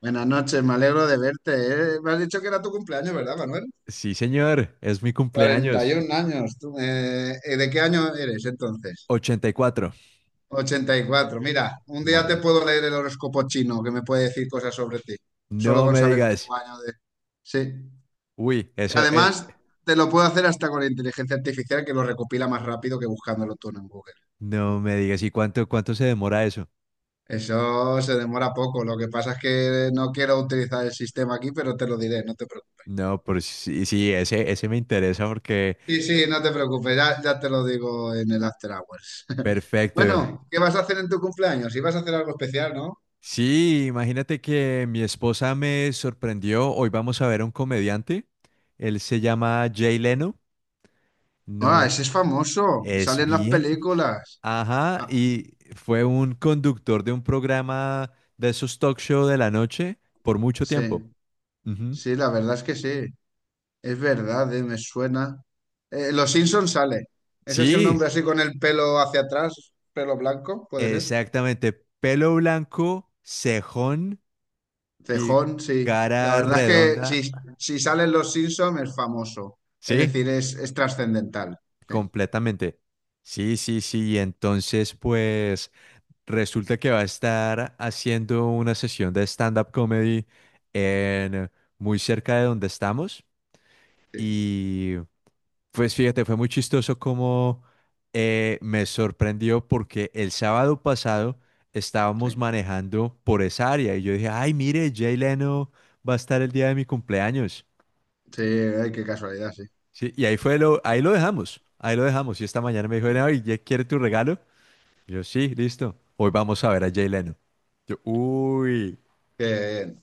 Buenas noches, me alegro de verte. ¿Eh? Me has dicho que era tu cumpleaños, ¿verdad, Manuel? Sí, señor, es mi cumpleaños. 41 años. Tú, ¿de qué año eres entonces? 84. 84. Mira, un día te Madre. puedo leer el horóscopo chino que me puede decir cosas sobre ti, solo No con me saber tu digas. año de... Sí. Uy, eso es. Además, te lo puedo hacer hasta con la inteligencia artificial que lo recopila más rápido que buscándolo tú en Google. No me digas. ¿Y cuánto se demora eso? Eso se demora poco. Lo que pasa es que no quiero utilizar el sistema aquí, pero te lo diré, no te preocupes. No, pero sí, sí, ese me interesa porque. Sí, sí, no te preocupes, ya, ya te lo digo en el After Hours. Perfecto. Bueno, ¿qué vas a hacer en tu cumpleaños? Ibas a hacer algo especial, ¿no? Sí, imagínate que mi esposa me sorprendió. Hoy vamos a ver a un comediante. Él se llama Jay Leno. No. Ah, ese es famoso, sale Es en las bien famoso. películas. Ajá, Ah, y fue un conductor de un programa de esos talk show de la noche por mucho sí, tiempo. Ujú. sí, la verdad es que sí, es verdad, me suena. Los Simpson sale. ¿Es ese un Sí, hombre así con el pelo hacia atrás, pelo blanco? ¿Puede ser? exactamente. Pelo blanco, cejón y Cejón, sí. La cara verdad es que redonda. si salen Los Simpson es famoso, es Sí, decir, es trascendental. Sí, completamente. Sí, sí, sí. Y entonces, pues, resulta que va a estar haciendo una sesión de stand-up comedy en muy cerca de donde estamos. sí, Y pues fíjate, fue muy chistoso como me sorprendió porque el sábado pasado estábamos sí. manejando por esa área y yo dije, ay, mire, Jay Leno va a estar el día de mi cumpleaños. Sí, ay, qué casualidad, sí. Sí, y ahí fue lo, ahí lo dejamos, ahí lo dejamos. Y esta mañana me dijo, ay, ¿ya quiere tu regalo? Yo, sí, listo. Hoy vamos a ver a Jay Leno. Yo, uy, Qué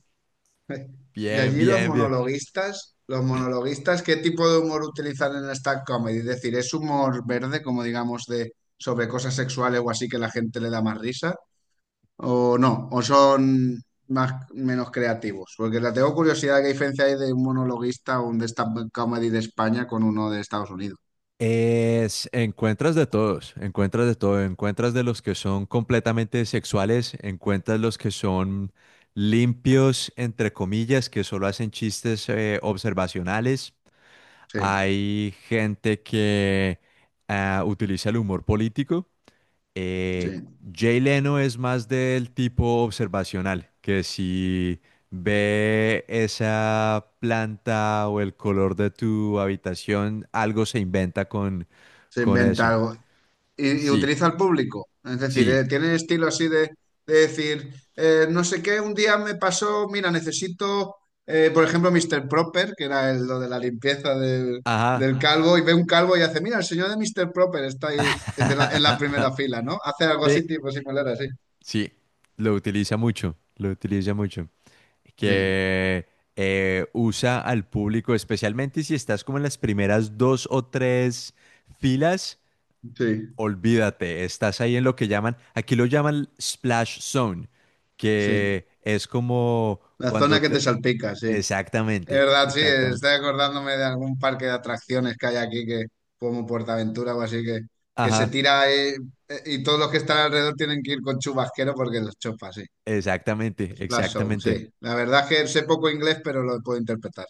bien. Y bien, allí los bien, bien. monologuistas, los monologuistas, ¿qué tipo de humor utilizan en esta comedy? Es decir, ¿es humor verde, como digamos, de sobre cosas sexuales o así que la gente le da más risa? ¿O no? ¿O son más menos creativos? Porque la tengo curiosidad qué diferencia hay de un monologuista o un de esta comedy de España con uno de Estados Unidos. Es, encuentras de todos, encuentras de todo, encuentras de los que son completamente sexuales, encuentras los que son limpios, entre comillas, que solo hacen chistes, observacionales, Sí, hay gente que utiliza el humor político. Eh, sí. Jay Leno es más del tipo observacional, que si ve esa planta o el color de tu habitación, algo se inventa Se con eso. inventa algo. Y Sí, utiliza al público. Es decir, sí, tiene estilo así de decir, no sé qué, un día me pasó, mira, necesito, por ejemplo, Mr. Proper, que era el, lo de la limpieza del, ajá. del calvo, y ve un calvo y hace, mira, el señor de Mr. Proper está ahí en, de la, en la primera fila, ¿no? Hace algo Sí, así, tipo similar, así. sí, lo utiliza mucho, lo utiliza mucho. Sí, Que usa al público, especialmente si estás como en las primeras dos o tres filas, sí, olvídate, estás ahí en lo que llaman, aquí lo llaman splash zone, sí. que es como La zona cuando que te te- salpica, sí. Es Exactamente, verdad, sí, exactamente. estoy acordándome de algún parque de atracciones que hay aquí, que, como Portaventura o así, que se Ajá, tira y todos los que están alrededor tienen que ir con chubasquero porque los chopa, sí. exactamente, Splash Zone, exactamente. sí. La verdad es que sé poco inglés, pero lo puedo interpretar.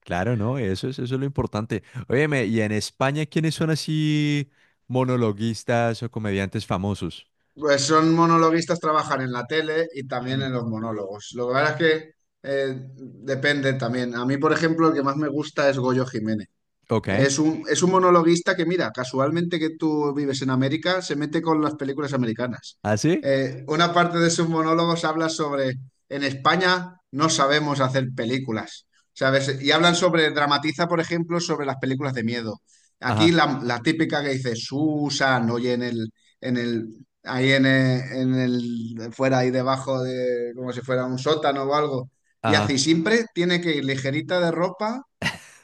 Claro, no, eso es lo importante. Óyeme, ¿y en España quiénes son así monologuistas o comediantes famosos? Pues son monologuistas, trabajan en la tele y también Mm, en los monólogos. Lo que pasa es que depende también. A mí, por ejemplo, el que más me gusta es Goyo Jiménez. ok, Es un monologuista que, mira, casualmente que tú vives en América, se mete con las películas americanas. ¿así? Una parte de sus monólogos habla sobre, en España no sabemos hacer películas, ¿sabes? Y hablan sobre, dramatiza, por ejemplo, sobre las películas de miedo. Aquí Ajá. la típica que dice Susan, oye, fuera ahí debajo de, como si fuera un sótano o algo. Y así Ajá. siempre tiene que ir ligerita de ropa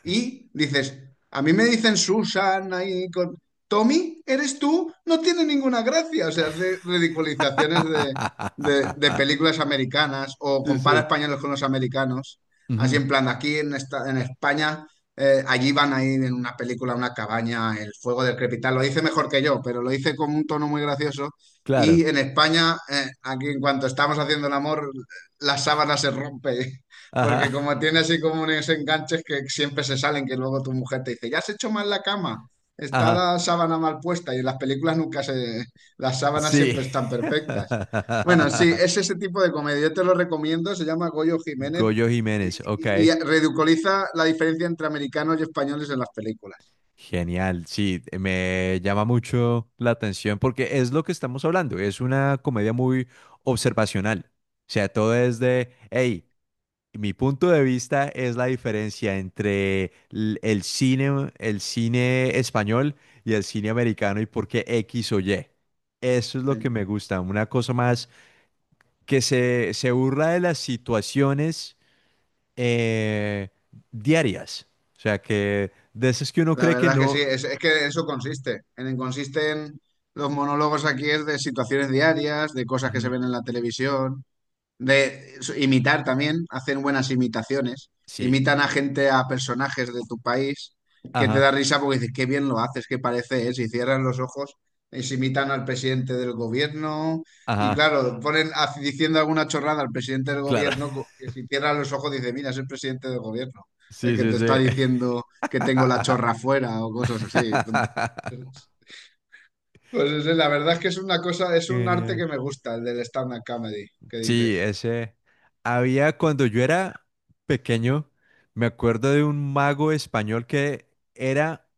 y dices, a mí me dicen Susana y con... Tommy, ¿eres tú? No tiene ninguna gracia. O sea, hace ridiculizaciones de películas americanas o Sí, compara sí. españoles con los americanos. Así Ujú. en plan, aquí en, esta, en España, allí van a ir en una película, a una cabaña, el fuego del crepitar. Lo dice mejor que yo, pero lo dice con un tono muy gracioso. Y Claro. en España, aquí en cuanto estamos haciendo el amor, la sábana se rompe. Porque Ajá, como tiene así como unos enganches que siempre se salen, que luego tu mujer te dice, ¿ya has hecho mal la cama? Está ajá. la sábana mal puesta y en las películas nunca se... Las sábanas Sí. siempre están perfectas. Bueno, sí, es ese tipo de comedia. Yo te lo recomiendo, se llama Goyo Jiménez Goyo y, Jiménez, ok. y- y ridiculiza la diferencia entre americanos y españoles en las películas. Genial, sí, me llama mucho la atención porque es lo que estamos hablando, es una comedia muy observacional. O sea, todo es de, hey, mi punto de vista es la diferencia entre l- el cine español y el cine americano y por qué X o Y. Eso es lo que Sí. me gusta, una cosa más que se burla de las situaciones, eh, diarias. O sea, que de esas que uno La cree que verdad es que no. sí, es que eso consiste. Consiste en los monólogos aquí es de situaciones diarias, de cosas que se Ujú. ven en la televisión. Imitar también, hacen buenas imitaciones. Sí, Imitan a gente, a personajes de tu país, que te ajá, da risa porque dices, qué bien lo haces, qué parece es. Y cierran los ojos y se imitan al presidente del gobierno. Y ajá, claro, ponen diciendo alguna chorrada al presidente del claro. gobierno, que si cierran los ojos dice, mira, es el presidente del gobierno, el Sí, que sí, te está sí. diciendo que tengo la chorra fuera o cosas así. La verdad es que es una cosa, es un arte Genial. que me gusta, el del stand-up comedy, que Sí, dices. ese. Había cuando yo era pequeño, me acuerdo de un mago español que era,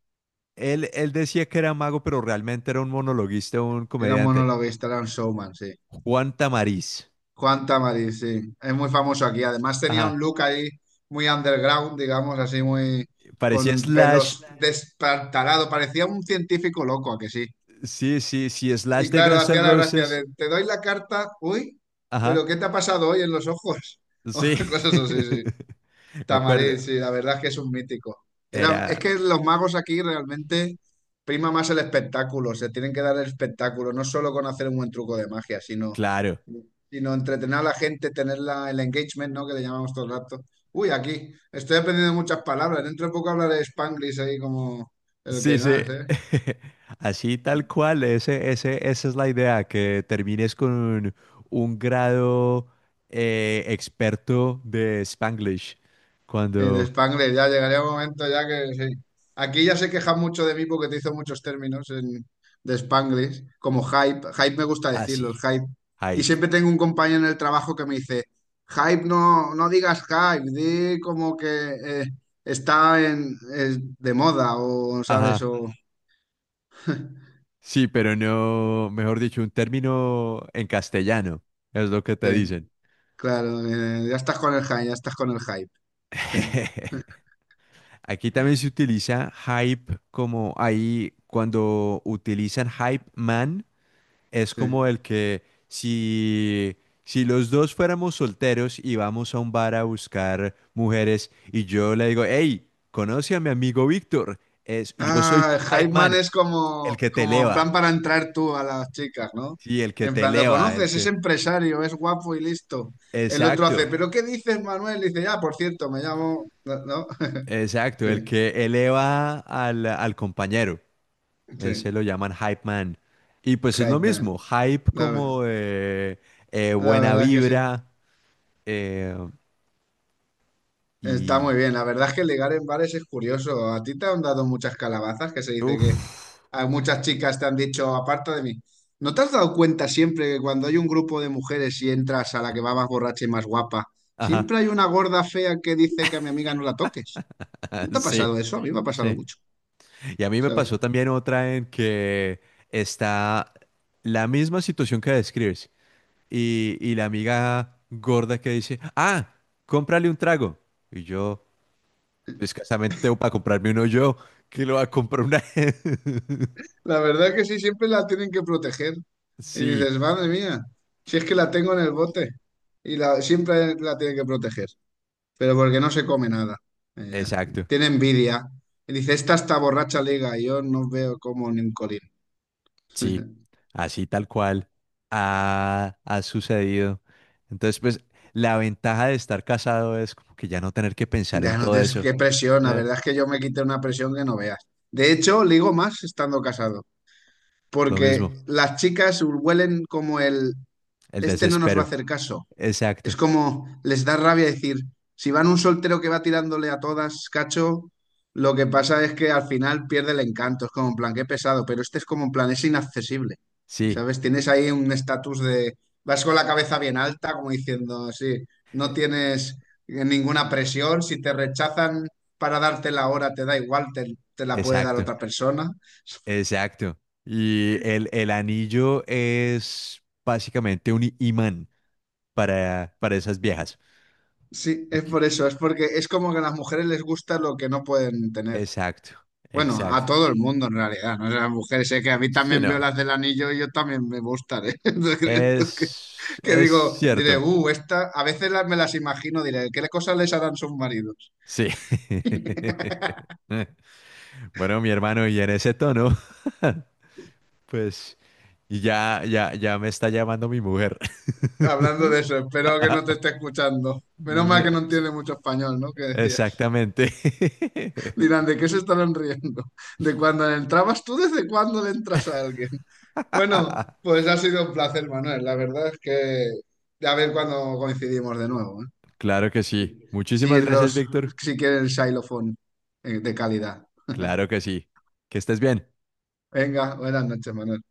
él decía que era mago, pero realmente era un monologuista, un Era un comediante. monologuista, era un showman, sí. Juan Tamariz. Juan Tamariz, sí. Es muy famoso aquí. Además tenía un Ajá. look ahí muy underground, digamos, así muy Parecía con Slash. pelos destartalado. Parecía un científico loco, ¿a que sí? Sí, sí, sí, Slash Y de claro, Guns N' hacía la gracia Roses. de, te doy la carta, uy, pero Ajá. ¿qué te ha pasado hoy en los ojos? Sí. Cosas así, sí. Me Tamarín, acuerdo. sí, la verdad es que es un mítico. Es Era, que los magos aquí realmente prima más el espectáculo, se tienen que dar el espectáculo, no solo con hacer un buen truco de magia, sino, claro. sino entretener a la gente, tener el engagement, ¿no? Que le llamamos todo el rato. Uy, aquí, estoy aprendiendo muchas palabras, dentro de poco hablaré Spanglish ahí como el Sí, que sí. nada. Así tal cual, ese, esa es la idea, que termines con un grado experto de Spanglish. Sí, de Cuando, Spangler, ya llegaría un momento ya que sí. Aquí ya se queja mucho de mí porque te hizo muchos términos de Spanglish, como hype. Hype me gusta decirlo, así, el hype. Y hype. siempre tengo un compañero en el trabajo que me dice, hype no, no digas hype, di como que eh, está en, es de moda o, ¿sabes? Ajá. O, Sí, pero no, mejor dicho, un término en castellano, es lo que te sí, dicen. claro, ya estás con el hype, ya estás con el hype. Sí, Aquí también se utiliza hype como ahí cuando utilizan hype man. Es como sí. el que si, si los dos fuéramos solteros y vamos a un bar a buscar mujeres y yo le digo, hey, conoce a mi amigo Víctor, es, yo soy tu Ah, hype hype man man, es el como, que te como en plan eleva, para entrar tú a las chicas, ¿no? sí, el que En te plan, lo eleva, el conoces, es que... empresario, es guapo y listo. El otro hace, Exacto, ¿pero qué dices, Manuel? Dice, ya, por cierto, me llamo. ¿No? exacto, el Sí, que eleva al compañero, ese sí. lo llaman hype man. Y pues es lo Hype mismo, man. hype La, como ve- la buena verdad es que sí. vibra, eh, Está y... muy bien. La verdad es que ligar en bares es curioso. ¿A ti te han dado muchas calabazas que se dice Uf, a muchas chicas te han dicho, aparta de mí. ¿No te has dado cuenta siempre que cuando hay un grupo de mujeres y entras a la que va más borracha y más guapa, ajá. siempre hay una gorda fea que dice que a mi amiga no la toques? Ah, ¿No te ha sí. pasado eso? A mí me ha pasado Sí. mucho, Y a mí me ¿sabes? pasó también otra en que está la misma situación que describes. Y la amiga gorda que dice, ah, cómprale un trago. Y yo, "Pues, escasamente tengo para comprarme uno yo, que lo va a comprar una... La verdad que sí, siempre la tienen que proteger. Y Sí, dices, madre mía, si es que la tengo en el bote. Siempre la tienen que proteger, pero porque no se come nada. Ella. exacto. Tiene envidia. Y dice, esta está borracha liga, y yo no veo como ni un colín. Sí, así tal cual ha sucedido. Entonces, pues, la ventaja de estar casado es como que ya no tener que pensar en Ya no todo tienes eso. qué presión, la Eh, verdad es que yo me quité una presión que no veas. De hecho, ligo más estando casado, Lo porque mismo, las chicas huelen como el, el este no nos va a desespero. hacer caso. Es Exacto, como les da rabia decir, si van un soltero que va tirándole a todas, cacho, lo que pasa es que al final pierde el encanto. Es como en plan, qué pesado, pero este es como en plan, es inaccesible. sí, ¿Sabes? Tienes ahí un estatus de, vas con la cabeza bien alta, como diciendo, sí, no e- tienes ninguna presión, si te rechazan para darte la hora, te da igual, te la puede dar exacto, otra persona. exacto. El anillo es básicamente un imán para esas viejas. Sí, es Ok, por eso, es porque es como que a las mujeres les gusta lo que no pueden tener. exacto, Bueno, a exacto. todo el mundo en realidad, ¿no? O sea, las mujeres, sé que a mí Sí, también no, veo las del anillo y yo también me gustaré. Entonces, creo que, que es digo, diré, cierto, esta, me las imagino, diré, ¿qué cosas les harán sus maridos? sí. Bueno, mi hermano, y en ese tono, pues ya me está llamando mi mujer. Hablando de eso, espero que no te esté escuchando. Menos mal No, que no entiende mucho español, ¿no? Que decía, exactamente. dirán, ¿de qué se estarán riendo? ¿De cuando le entrabas tú? ¿Desde cuándo le entras a alguien? Bueno, pues ha sido un placer, Manuel. La verdad es que, a ver cuándo coincidimos de nuevo, ¿eh? Claro que sí. Sí, sí, Muchísimas gracias, Víctor. sí que el xilofón de calidad. Claro que sí. Que estés bien. Venga, buenas noches, Manuel.